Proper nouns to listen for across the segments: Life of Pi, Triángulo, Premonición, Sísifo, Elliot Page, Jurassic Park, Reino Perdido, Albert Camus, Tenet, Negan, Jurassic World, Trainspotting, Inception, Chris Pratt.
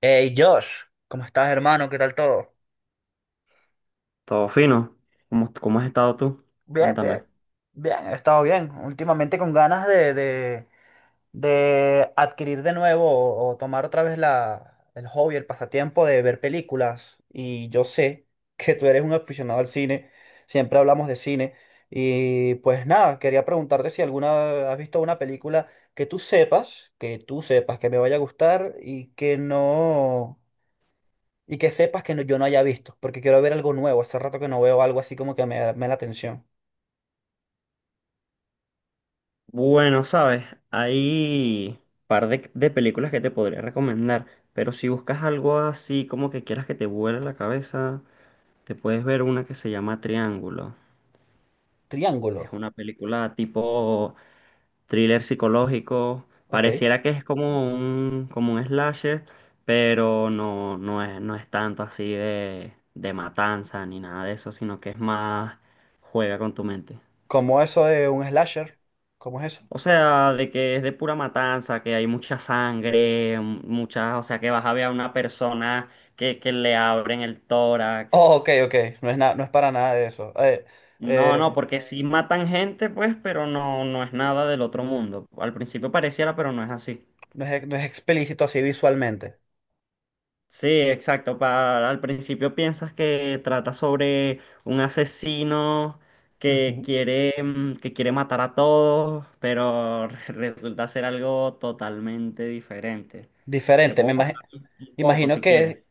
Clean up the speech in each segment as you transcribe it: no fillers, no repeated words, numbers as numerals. Hey Josh, ¿cómo estás, hermano? ¿Qué tal todo? Todo fino. ¿Cómo has estado tú? Bien, bien, Cuéntame. bien, he estado bien. Últimamente con ganas de adquirir de nuevo o tomar otra vez el hobby, el pasatiempo de ver películas. Y yo sé que tú eres un aficionado al cine, siempre hablamos de cine. Y pues nada, quería preguntarte si alguna has visto una película que tú sepas, que me vaya a gustar y que no. Y que sepas que yo no haya visto, porque quiero ver algo nuevo. Hace rato que no veo algo así como que me da la atención. Bueno, sabes, hay par de películas que te podría recomendar, pero si buscas algo así como que quieras que te vuele la cabeza, te puedes ver una que se llama Triángulo. Triángulo. Es una película tipo thriller psicológico. Ok. Pareciera que es como como un slasher, pero no es tanto así de matanza ni nada de eso, sino que es más juega con tu mente. ¿Cómo eso de un slasher? ¿Cómo es eso? O sea, de que es de pura matanza, que hay mucha sangre, muchas, o sea, que vas a ver a una persona que le abren el Oh, tórax. ok, ok. No es, no es para nada de eso. No, no, eh, porque sí matan gente, pues, pero no es Ujú. nada del otro mundo. Al principio pareciera, pero no es así. No es, no es explícito así visualmente. Sí, exacto. Al principio piensas que trata sobre un asesino que Ujú. quiere, que quiere matar a todos, pero resulta ser algo totalmente diferente. Es Diferente. Poco. Un poco, Imagino si quieres. que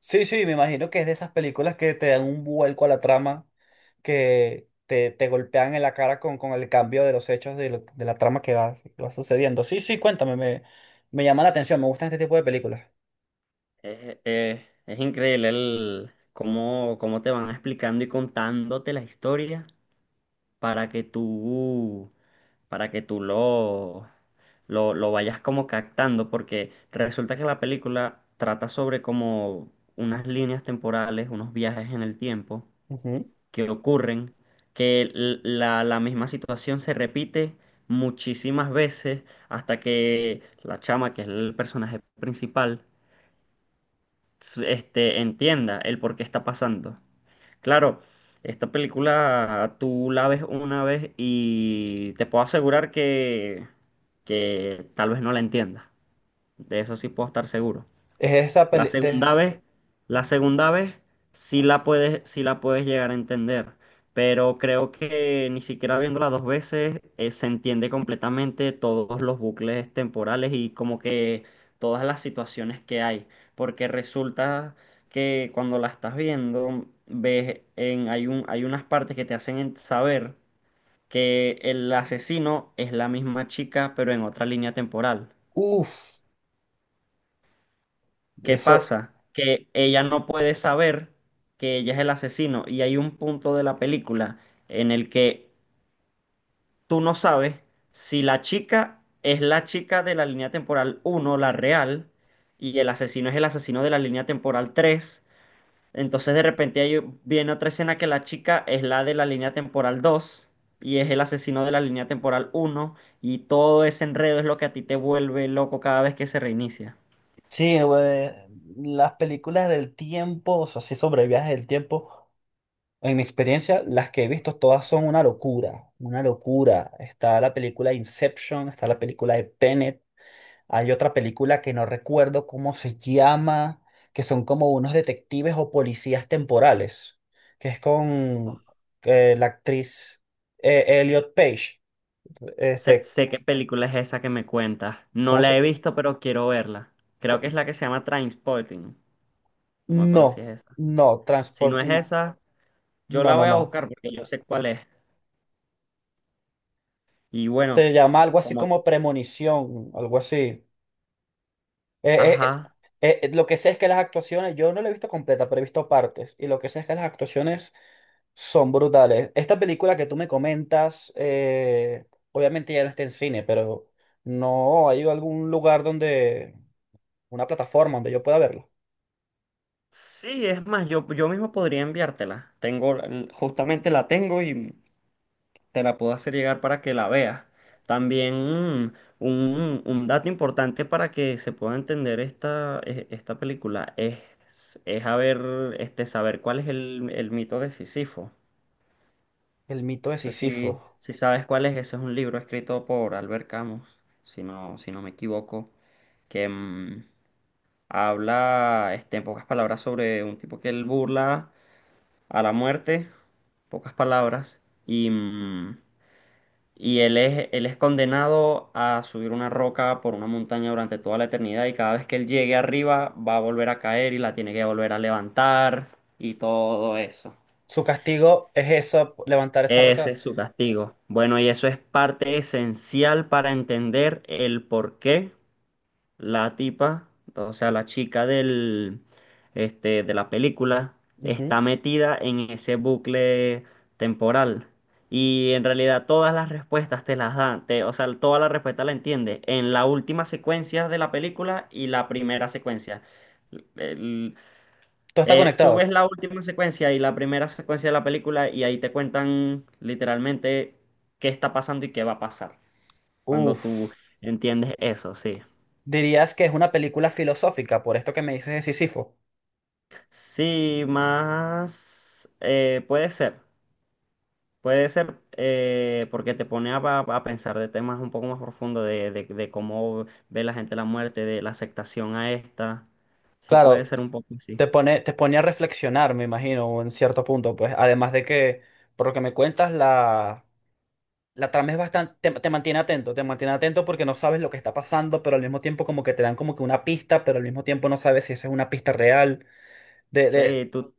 sí, sí, me imagino que es de esas películas que te dan un vuelco a la trama, que te golpean en la cara con el cambio de los hechos de la trama que va sucediendo. Sí, sí, cuéntame, me llama la atención, me gustan este tipo de películas. Es, es- es increíble cómo te van explicando y contándote la historia para que tú, para que tú lo vayas como captando, porque resulta que la película trata sobre como unas líneas temporales, unos viajes en el tiempo Ujú. que ocurren, que la misma situación se repite muchísimas veces hasta que la chama, que es el personaje principal, entienda el por qué está pasando. Claro, esta película tú la ves una vez y te puedo asegurar que tal vez no la entiendas. De eso sí puedo estar seguro. Es esa La peli de... segunda vez, la segunda vez sí la puedes llegar a entender, pero creo que ni siquiera viéndola dos veces se entiende completamente todos los bucles temporales y como que todas las situaciones que hay, porque resulta que cuando la estás viendo ves en hay un hay unas partes que te hacen saber que el asesino es la misma chica, pero en otra línea temporal. Uf, ¿Qué eso... pasa? Que ella no puede saber que ella es el asesino y hay un punto de la película en el que tú no sabes si la chica es la chica de la línea temporal uno, la real, y el asesino es el asesino de la línea temporal 3. Entonces de repente ahí viene otra escena que la chica es la de la línea temporal 2 y es el asesino de la línea temporal uno y todo ese enredo es lo que a ti te vuelve loco cada vez que se reinicia. Sí, güey, las películas del tiempo, o sea, sí, sobre viajes del tiempo, en mi experiencia, las que he visto todas son una locura, una locura. Está la película Inception, está la película de Tenet. Hay otra película que no recuerdo cómo se llama, que son como unos detectives o policías temporales, que es con la actriz Elliot Page. Sé, Este, sé qué película es esa que me cuentas. No ¿cómo la se? he visto, pero quiero verla. Creo que co- es la que se llama Trainspotting. No me acuerdo si es No, esa. no, Si no es Transporting. esa, yo No, la no, voy a no. buscar porque yo sé cuál es. Y bueno, Se llama algo así como... como Premonición, algo así. Eh, eh, Ajá. Lo que sé es que las actuaciones, yo no la he visto completa, pero he visto partes. Y lo que sé es que las actuaciones son brutales. Esta película que tú me comentas, obviamente ya no está en cine, pero no hay algún lugar donde, una plataforma donde yo pueda verla. Sí, es más, yo mismo podría enviártela. Tengo, justamente la tengo y te la puedo hacer llegar para que la veas. También mm, un dato importante para que se pueda entender esta película es haber, este, saber cuál es el mito de Sísifo. El mito de No sé Sísifo. si sabes cuál es, ese es un libro escrito por Albert Camus, si no, si no me equivoco, que habla este, en pocas palabras sobre un tipo que él burla a la muerte, pocas palabras, y él es condenado a subir una roca por una montaña durante toda la eternidad y cada vez que él llegue arriba va a volver a caer y la tiene que volver a levantar y todo eso. Su castigo es eso, levantar esa Ese roca. es su castigo. Bueno, y eso es parte esencial para entender el porqué la tipa, o sea, la chica de la película, está Ujú. metida en ese bucle temporal. Y en realidad todas las respuestas te las dan, o sea, todas las respuestas la entiendes en la última secuencia de la película y la primera secuencia. El- Todo está Tú conectado. ves la última secuencia y la primera secuencia de la película y ahí te cuentan literalmente qué está pasando y qué va a pasar. Cuando tú Uf. entiendes eso, sí. Dirías que es una película filosófica, por esto que me dices de Sísifo. Sí, más puede ser porque te pone a pensar de temas un poco más profundos de, de cómo ve la gente la muerte, de la aceptación a esta. Sí, puede Claro, ser un poco así. te pone, te pone a reflexionar, me imagino, en cierto punto, pues. Además de que, por lo que me cuentas, la trama es bastante, te mantiene atento porque no sabes lo que está pasando, pero al mismo tiempo como que te dan como que una pista, pero al mismo tiempo no sabes si esa es una pista real. De, de, Sí,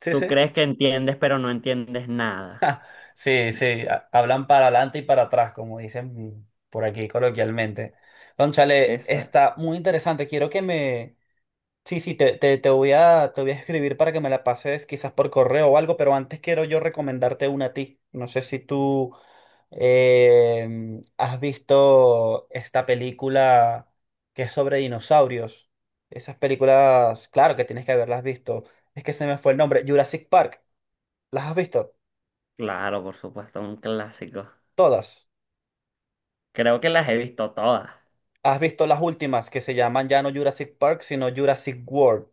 sí, tú sí. crees que entiendes, pero no entiendes nada. Sí, sí, hablan para adelante y para atrás, como dicen por aquí coloquialmente. Cónchale, Exacto. está muy interesante. Quiero que me sí, sí, te voy a escribir para que me la pases quizás por correo o algo, pero antes quiero yo recomendarte una a ti. No sé si tú has visto esta película que es sobre dinosaurios. Esas películas, claro que tienes que haberlas visto. Es que se me fue el nombre. Jurassic Park. ¿Las has visto? Claro, por supuesto, un clásico. Todas. Creo que las he visto todas. ¿Has visto las últimas que se llaman ya no Jurassic Park, sino Jurassic World?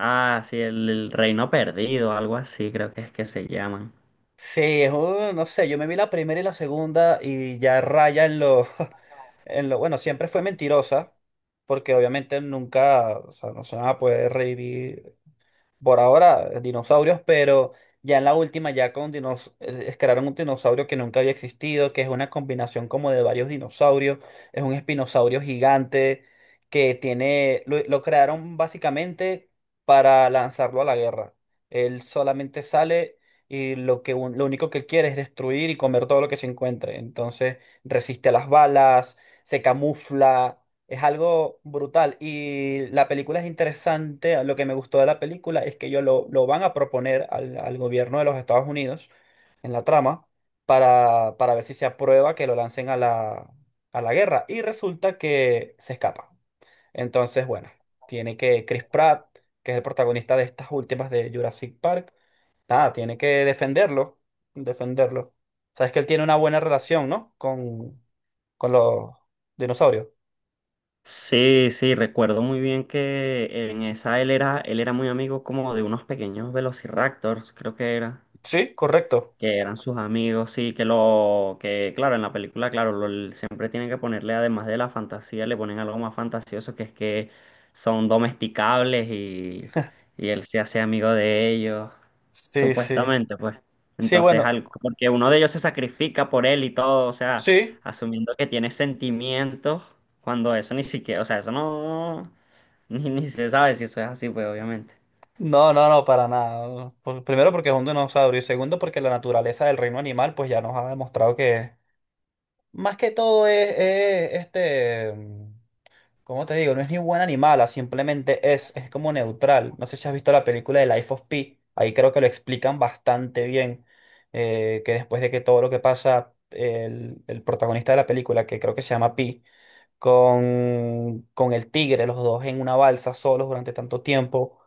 Ah, sí, el Reino Perdido, algo así, creo que es que se llaman. Sí, es un- no sé, yo me vi la primera y la segunda y ya raya en lo... en lo, bueno, siempre fue mentirosa, porque obviamente nunca, o sea, no se van a poder revivir, por ahora dinosaurios, pero ya en la última ya con dinos crearon un dinosaurio que nunca había existido, que es una combinación como de varios dinosaurios, es un espinosaurio gigante que tiene, lo crearon básicamente para lanzarlo a la guerra. Él solamente sale y lo que lo único que él quiere es destruir y comer todo lo que se encuentre. Entonces resiste a las balas, se camufla, es algo brutal. Y la película es interesante. Lo que me gustó de la película es que ellos lo van a proponer al gobierno de los Estados Unidos en la trama para ver si se aprueba que lo lancen a a la guerra. Y resulta que se escapa. Entonces, bueno, tiene que Chris Pratt, que es el protagonista de estas últimas de Jurassic Park, nada, tiene que defenderlo. Defenderlo. Sabes que él tiene una buena relación, ¿no? Con los dinosaurios. Sí, sí, recuerdo muy bien que en esa él era muy amigo como de unos pequeños velociraptors, creo que era Sí, correcto. que eran sus amigos, sí, que lo, que claro, en la película, claro, siempre tienen que ponerle, además de la fantasía, le ponen algo más fantasioso, que es que son domesticables y él se hace amigo de ellos, Sí, sí. supuestamente, pues. Sí, Entonces, bueno, porque uno de ellos se sacrifica por él y todo, o sea, sí. asumiendo que tiene sentimientos, cuando eso ni siquiera, o sea, eso no, ni se sabe si eso es así, pues, obviamente. No, no, no, para nada. Por- primero porque es un dinosaurio y segundo porque la naturaleza del reino animal pues ya nos ha demostrado que más que todo es, este, mm, ¿cómo te digo? No es ni buen animal, ah, simplemente es como neutral. No sé si has visto la película de Life of Pi, ahí creo que lo explican bastante bien, que después de que todo lo que pasa, el protagonista de la película, que creo que se llama Pi, con el tigre, los dos en una balsa solos durante tanto tiempo,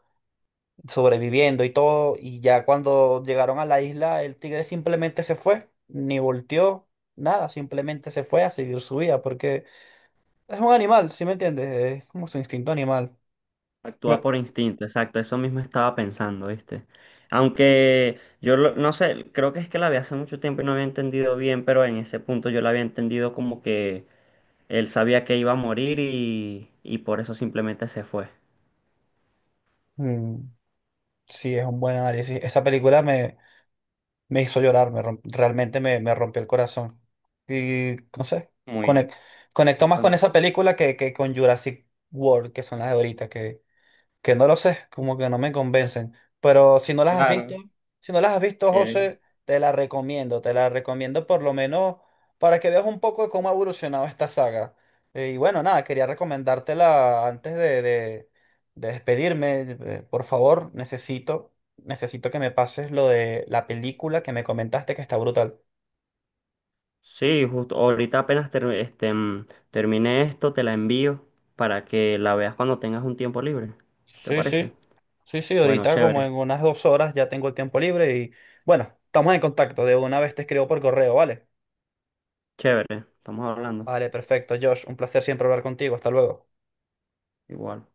sobreviviendo y todo, y ya cuando llegaron a la isla, el tigre simplemente se fue, ni volteó, nada, simplemente se fue a seguir su vida, porque es un animal, ¿sí me entiendes? Es como su instinto animal. Actúa Ve- por instinto, exacto, eso mismo estaba pensando, ¿viste? Aunque no sé, creo que es que la vi hace mucho tiempo y no había entendido bien, pero en ese punto yo la había entendido como que él sabía que iba a morir y por eso simplemente se fue. mm, sí, es un buen análisis. Esa película me hizo llorar, realmente me rompió el corazón. Y no sé, Muy conec- conectó más con bastante. esa película que con Jurassic World, que son las de ahorita, que no lo sé, como que no me convencen. Pero si no las has visto, Claro. si no las has visto, Eh, José, te la recomiendo por lo menos para que veas un poco de cómo ha evolucionado esta saga. Y bueno, nada, quería recomendártela antes de despedirme. Eh, por favor, necesito, necesito que me pases lo de la película que me comentaste que está brutal. sí, justo ahorita apenas termine esto, te la envío para que la veas cuando tengas un tiempo libre. ¿Te Sí, parece? sí. Sí, sí, Bueno, ahorita como chévere, en unas 2 horas ya tengo el tiempo libre y bueno, estamos en contacto. De una vez te escribo por correo, ¿vale? chévere, estamos hablando. Vale, perfecto, Josh. Un placer siempre hablar contigo. Hasta luego. Igual.